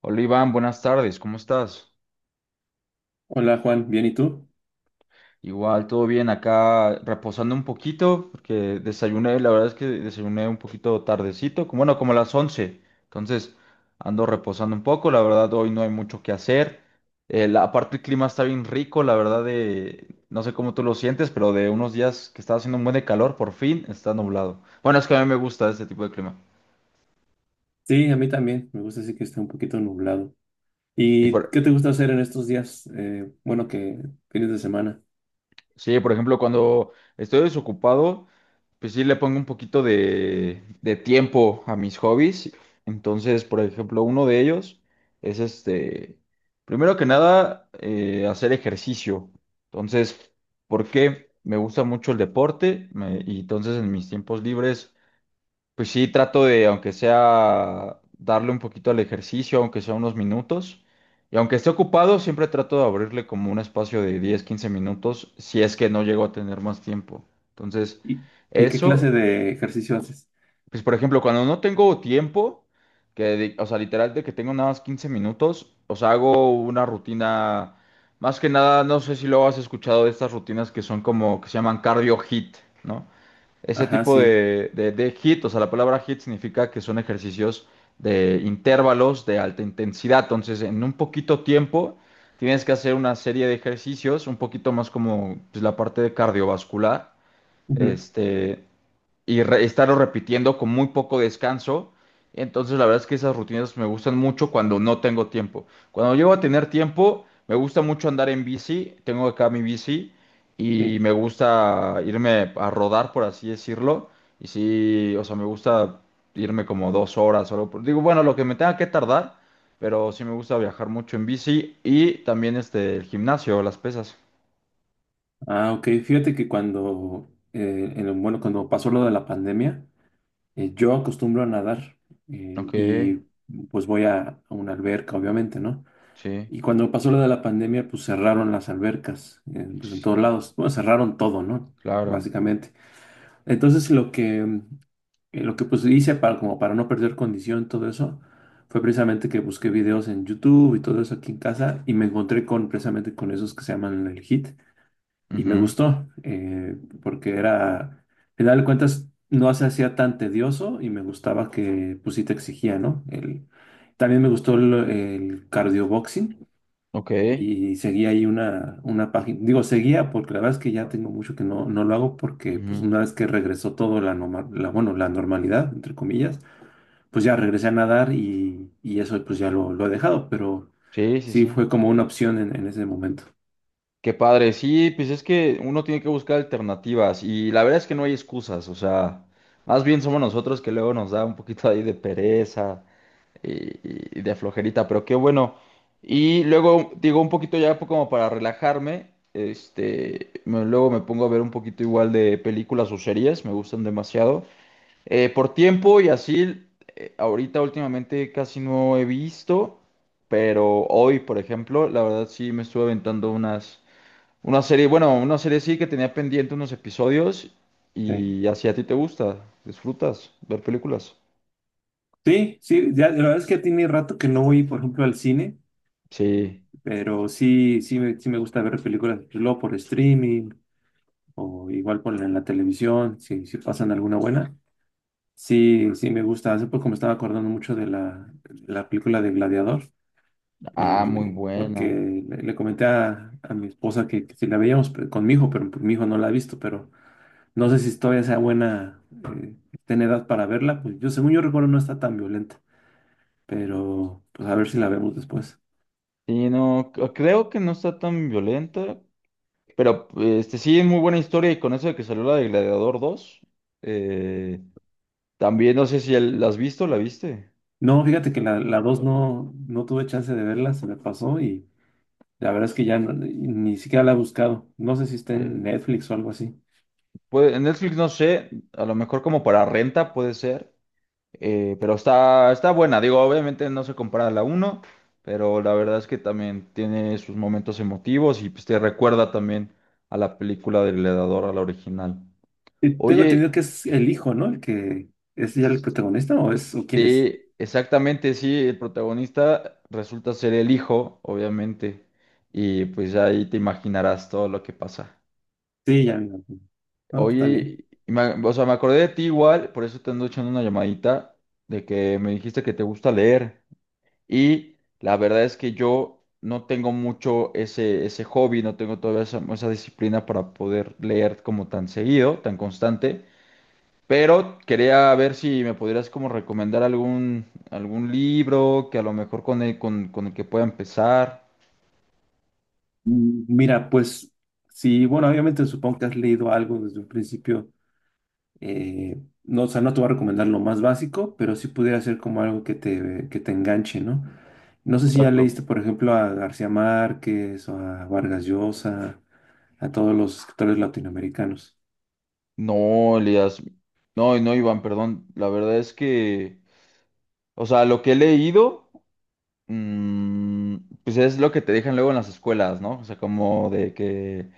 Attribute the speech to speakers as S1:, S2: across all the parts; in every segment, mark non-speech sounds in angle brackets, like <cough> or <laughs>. S1: Hola Iván, buenas tardes, ¿cómo estás?
S2: Hola Juan, ¿bien y tú?
S1: Igual, todo bien, acá reposando un poquito, porque desayuné, la verdad es que desayuné un poquito tardecito, como, bueno, como a las 11. Entonces ando reposando un poco, la verdad hoy no hay mucho que hacer. Aparte el clima está bien rico, la verdad no sé cómo tú lo sientes, pero de unos días que estaba haciendo un buen de calor, por fin está nublado. Bueno, es que a mí me gusta este tipo de clima.
S2: Sí, a mí también. Me gusta así que esté un poquito nublado.
S1: Y
S2: ¿Y
S1: por,
S2: qué te gusta hacer en estos días? Bueno, que fines de semana.
S1: Sí, por ejemplo, cuando estoy desocupado, pues sí le pongo un poquito de tiempo a mis hobbies. Entonces, por ejemplo, uno de ellos es este, primero que nada, hacer ejercicio. Entonces, ¿por qué? Me gusta mucho el deporte y entonces en mis tiempos libres pues sí, trato de, aunque sea, darle un poquito al ejercicio, aunque sea unos minutos. Y aunque esté ocupado, siempre trato de abrirle como un espacio de 10, 15 minutos, si es que no llego a tener más tiempo. Entonces,
S2: ¿Y, y qué
S1: eso,
S2: clase de ejercicio haces?
S1: pues por ejemplo, cuando no tengo tiempo, o sea, literal de que tengo nada más 15 minutos, o sea, hago una rutina, más que nada, no sé si lo has escuchado de estas rutinas que son como, que se llaman cardio hit, ¿no? Ese
S2: Ajá,
S1: tipo
S2: sí.
S1: de, de hit, o sea, la palabra hit significa que son ejercicios de intervalos de alta intensidad. Entonces, en un poquito tiempo tienes que hacer una serie de ejercicios, un poquito más como pues, la parte de cardiovascular,
S2: Ujú,
S1: este, estarlo repitiendo con muy poco descanso. Entonces, la verdad es que esas rutinas me gustan mucho cuando no tengo tiempo. Cuando llego a tener tiempo, me gusta mucho andar en bici. Tengo acá mi bici y
S2: sí.
S1: me gusta irme a rodar, por así decirlo. Y sí, o sea, me gusta irme como 2 horas o algo. Digo, bueno, lo que me tenga que tardar, pero sí me gusta viajar mucho en bici y también este, el gimnasio, las pesas.
S2: Ah, ok. Fíjate que cuando, en bueno, cuando pasó lo de la pandemia, yo acostumbro a nadar
S1: Ok,
S2: y pues voy a una alberca, obviamente, ¿no?
S1: sí,
S2: Y cuando pasó lo de la pandemia, pues cerraron las albercas, pues en todos
S1: sí,
S2: lados. Bueno, cerraron todo, ¿no?
S1: claro.
S2: Básicamente. Entonces lo que pues hice para, como para no perder condición, y todo eso, fue precisamente que busqué videos en YouTube y todo eso aquí en casa y me encontré con precisamente con esos que se llaman el HIIT y me
S1: Ujú.
S2: gustó porque era, al final de cuentas, no se hacía tan tedioso y me gustaba que pues sí te exigía, ¿no? El, también me gustó el cardio boxing
S1: Ok.
S2: y seguía ahí una página, digo, seguía porque la verdad es que ya tengo mucho que no, no lo hago porque pues
S1: Ujú.
S2: una vez que regresó todo bueno, la normalidad, entre comillas, pues ya regresé a nadar y eso pues ya lo he dejado, pero
S1: Sí, sí,
S2: sí
S1: sí.
S2: fue como una opción en ese momento.
S1: Qué padre. Sí, pues es que uno tiene que buscar alternativas y la verdad es que no hay excusas. O sea, más bien somos nosotros que luego nos da un poquito ahí de pereza y de flojerita, pero qué bueno. Y luego, digo, un poquito ya como para relajarme, luego me pongo a ver un poquito igual de películas o series, me gustan demasiado. Por tiempo y así, ahorita últimamente casi no he visto, pero hoy, por ejemplo, la verdad sí me estuve aventando una serie, bueno, una serie sí que tenía pendiente unos episodios
S2: Sí,
S1: y así a ti te gusta, disfrutas ver películas.
S2: sí, sí, ya, la verdad es que tiene rato que no voy, por ejemplo, al cine,
S1: Sí,
S2: pero sí, sí me gusta ver películas luego por streaming o igual por en la televisión, si, si pasan alguna buena. Sí, sí, me gusta. Hace poco me estaba acordando mucho de la película de Gladiador,
S1: ah, muy buena.
S2: porque le comenté a mi esposa que si la veíamos con mi hijo, pero mi hijo no la ha visto, pero no sé si todavía sea buena, esté en edad para verla. Pues yo, según yo recuerdo, no está tan violenta, pero pues a ver si la vemos después.
S1: Sí, no, creo que no está tan violenta, pero este sí es muy buena historia y con eso de que salió la de Gladiador dos, eh, también no sé si la has visto, ¿la viste?
S2: No, fíjate que la 2 no, no tuve chance de verla, se me pasó y la verdad es que ya ni siquiera la he buscado. No sé si está en Netflix o algo así.
S1: En Netflix no sé, a lo mejor como para renta puede ser, pero está, está buena. Digo, obviamente no se compara a la uno, pero la verdad es que también tiene sus momentos emotivos y pues te recuerda también a la película del Gladiador, a la original.
S2: Y tengo entendido
S1: Oye,
S2: que es el hijo, ¿no? El que es ya el protagonista o es o quién es.
S1: sí, exactamente, sí, el protagonista resulta ser el hijo, obviamente, y pues ahí te imaginarás todo lo que pasa.
S2: Sí, ya me imagino. No, está bien.
S1: Oye, o sea, me acordé de ti igual, por eso te ando echando una llamadita de que me dijiste que te gusta leer. Y la verdad es que yo no tengo mucho ese, ese hobby, no tengo todavía esa, esa disciplina para poder leer como tan seguido, tan constante. Pero quería ver si me pudieras como recomendar algún, algún libro que a lo mejor con el, con el que pueda empezar.
S2: Mira, pues sí, bueno, obviamente supongo que has leído algo desde un principio. No, o sea, no te voy a recomendar lo más básico, pero sí pudiera ser como algo que te enganche, ¿no? No sé si ya
S1: Exacto.
S2: leíste, por ejemplo, a García Márquez o a Vargas Llosa, a todos los escritores latinoamericanos.
S1: No, Elías. No, no, Iván, perdón. La verdad es que... O sea, lo que he leído, mm, pues es lo que te dejan luego en las escuelas, ¿no? O sea, como de que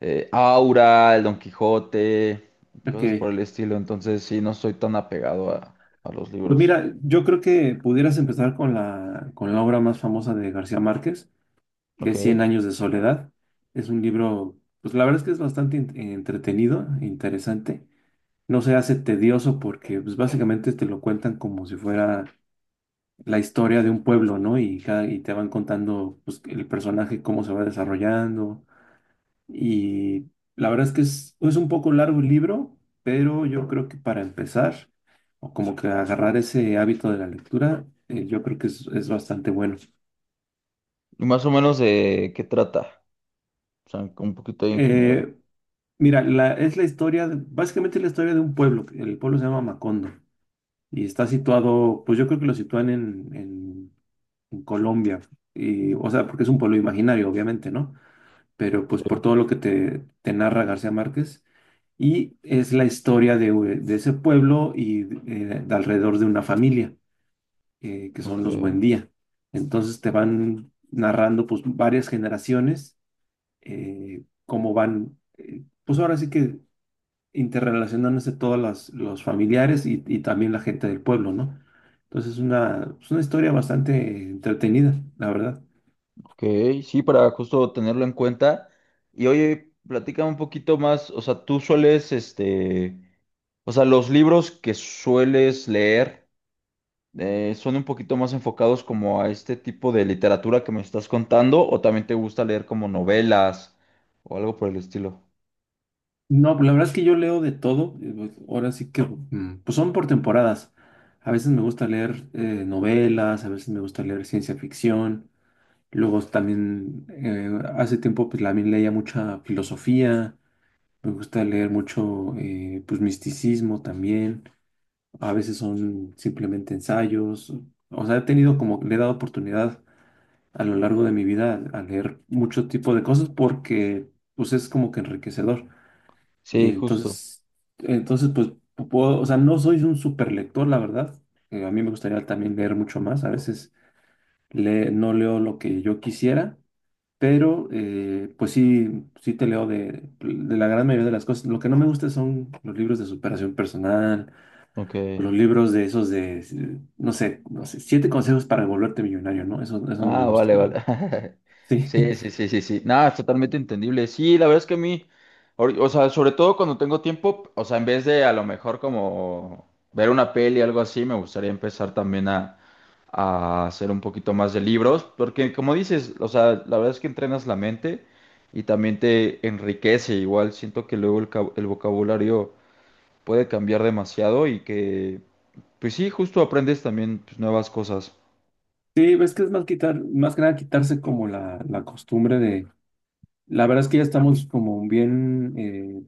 S1: Aura, el Don Quijote,
S2: Ok.
S1: cosas por el estilo. Entonces, sí, no soy tan apegado a los
S2: Pues
S1: libros.
S2: mira, yo creo que pudieras empezar con la obra más famosa de García Márquez, que
S1: Ok.
S2: es Cien
S1: ¿Y
S2: años de soledad. Es un libro, pues la verdad es que es bastante entretenido, interesante. No se hace tedioso porque pues básicamente te lo cuentan como si fuera la historia de un pueblo, ¿no? Y, cada, y te van contando pues, el personaje, cómo se va desarrollando, y la verdad es que es un poco largo el libro, pero yo creo que para empezar, o como que agarrar ese hábito de la lectura, yo creo que es bastante bueno.
S1: más o menos de qué trata? O sea, un poquito ahí en general.
S2: Eh, Mira, la, es la historia, básicamente es la historia de un pueblo, que el pueblo se llama Macondo, y está situado, pues yo creo que lo sitúan en Colombia, y, o sea, porque es un pueblo imaginario, obviamente, ¿no? Pero pues por
S1: Sí.
S2: todo lo que te narra García Márquez. Y es la historia de, de ese pueblo y de alrededor de una familia, que
S1: Ok.
S2: son los Buendía. Entonces te van narrando pues varias generaciones, cómo van, pues ahora sí que interrelacionándose todas las, los familiares y también la gente del pueblo, ¿no? Entonces es una historia bastante entretenida, la verdad.
S1: Ok, sí, para justo tenerlo en cuenta. Y oye, platica un poquito más, o sea, tú sueles, o sea, los libros que sueles leer. ¿Son un poquito más enfocados como a este tipo de literatura que me estás contando o también te gusta leer como novelas o algo por el estilo?
S2: No, pues, la verdad es que yo leo de todo. Pues, ahora sí que, pues son por temporadas. A veces me gusta leer novelas, a veces me gusta leer ciencia ficción. Luego también, hace tiempo, pues también leía mucha filosofía. Me gusta leer mucho, pues misticismo también. A veces son simplemente ensayos. O sea, he tenido como, le he dado oportunidad a lo largo de mi vida a leer mucho tipo de cosas porque, pues es como que enriquecedor. Y
S1: Sí, justo.
S2: entonces, pues puedo, o sea, no soy un super lector, la verdad. A mí me gustaría también leer mucho más. A veces no leo lo que yo quisiera, pero pues sí, sí te leo de la gran mayoría de las cosas. Lo que no me gusta son los libros de superación personal,
S1: Ok.
S2: o los libros de esos de, no sé, no sé, siete consejos para volverte millonario, ¿no? Eso no me
S1: Ah,
S2: gusta,
S1: vale,
S2: la verdad.
S1: vale. <laughs>
S2: Sí,
S1: Sí, sí, sí, sí, sí. Nada, es totalmente entendible. Sí, la verdad es que a mí, o sea, sobre todo cuando tengo tiempo, o sea, en vez de a lo mejor como ver una peli o algo así, me gustaría empezar también a hacer un poquito más de libros, porque como dices, o sea, la verdad es que entrenas la mente y también te enriquece. Igual siento que luego el vocabulario puede cambiar demasiado y que, pues sí, justo aprendes también pues, nuevas cosas.
S2: <laughs> sí, ves que es más quitar, más que nada quitarse como la costumbre de. La verdad es que ya estamos como bien,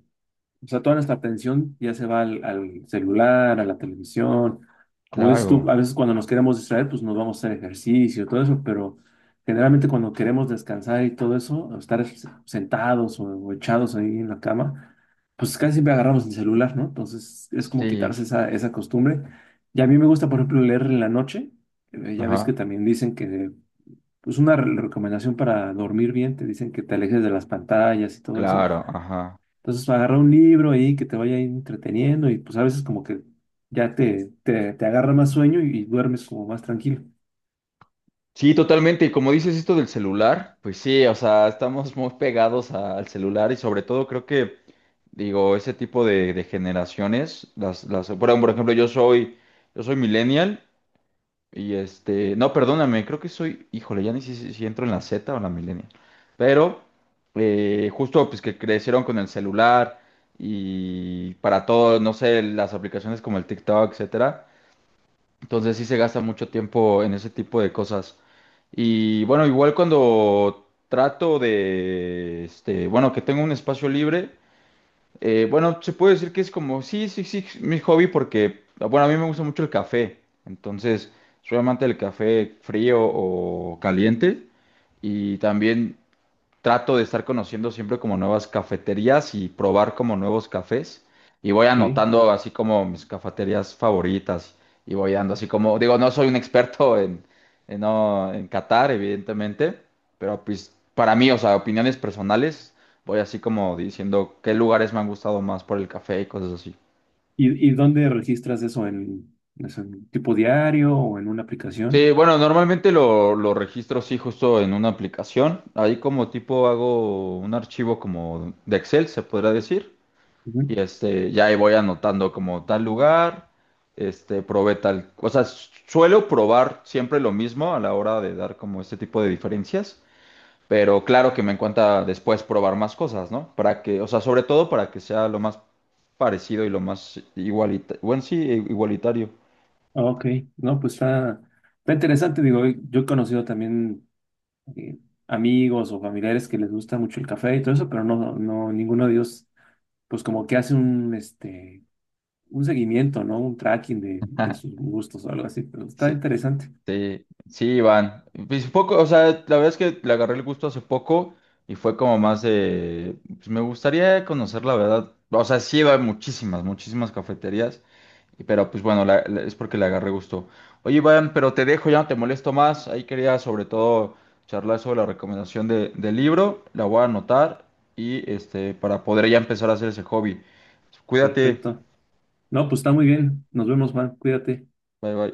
S2: o sea, toda nuestra atención ya se va al, al celular, a la televisión. Como dices tú,
S1: Claro,
S2: a veces cuando nos queremos distraer, pues nos vamos a hacer ejercicio, todo eso, pero generalmente cuando queremos descansar y todo eso, o estar sentados o echados ahí en la cama, pues casi siempre agarramos el celular, ¿no? Entonces es como
S1: sí,
S2: quitarse esa, esa costumbre. Y a mí me gusta, por ejemplo, leer en la noche. Ya ves que
S1: ajá.
S2: también dicen que pues una recomendación para dormir bien, te dicen que te alejes de las pantallas y todo eso.
S1: Claro, ajá.
S2: Entonces agarra un libro ahí que te vaya ahí entreteniendo y pues a veces como que ya te agarra más sueño y duermes como más tranquilo.
S1: Sí, totalmente. Y como dices esto del celular, pues sí, o sea, estamos muy pegados al celular y sobre todo creo que, digo, ese tipo de generaciones, bueno, por ejemplo, yo soy millennial y este, no, perdóname, creo que soy, híjole, ya ni sé si entro en la Z o en la millennial, pero justo pues que crecieron con el celular y para todo, no sé, las aplicaciones como el TikTok, etcétera. Entonces sí se gasta mucho tiempo en ese tipo de cosas. Y bueno, igual cuando trato de, bueno, que tengo un espacio libre, bueno, se puede decir que es como, sí, sí, sí, mi hobby porque, bueno, a mí me gusta mucho el café. Entonces, soy amante del café frío o caliente. Y también trato de estar conociendo siempre como nuevas cafeterías y probar como nuevos cafés. Y voy
S2: ¿Ok?
S1: anotando así como mis cafeterías favoritas y voy dando así como, digo, no soy un experto <laughs> en, no, en Qatar, evidentemente, pero pues para mí, o sea, opiniones personales, voy así como diciendo qué lugares me han gustado más por el café y cosas así.
S2: Y dónde registras eso? ¿En, es en tipo diario o en una
S1: Sí,
S2: aplicación?
S1: bueno, normalmente lo registro sí justo en una aplicación. Ahí como tipo hago un archivo como de Excel, se podrá decir. Y
S2: Ujú.
S1: este, ya ahí voy anotando como tal lugar, este, probé tal, o sea, suelo probar siempre lo mismo a la hora de dar como este tipo de diferencias, pero claro que me encanta después probar más cosas, ¿no? Para que, o sea, sobre todo para que sea lo más parecido y lo más igualitario, bueno, sí, igualitario.
S2: Ok, no, pues está, está interesante. Digo, yo he conocido también eh, amigos o familiares que les gusta mucho el café y todo eso, pero no, no, ninguno de ellos, pues como que hace un, este, un seguimiento, ¿no? Un tracking de sus
S1: <laughs>
S2: gustos o algo así, pero está
S1: Sí.
S2: interesante.
S1: Sí, sí, Iván. Pues poco, o sea, la verdad es que le agarré el gusto hace poco y fue como más de, pues me gustaría conocer la verdad. O sea, sí iba a muchísimas, muchísimas cafeterías, pero pues bueno, es porque le agarré gusto. Oye, Iván, pero te dejo, ya no te molesto más. Ahí quería sobre todo charlar sobre la recomendación del libro, la voy a anotar y este, para poder ya empezar a hacer ese hobby. Cuídate,
S2: Perfecto. No, pues está muy bien. Nos vemos, Juan. Cuídate.
S1: bye bye.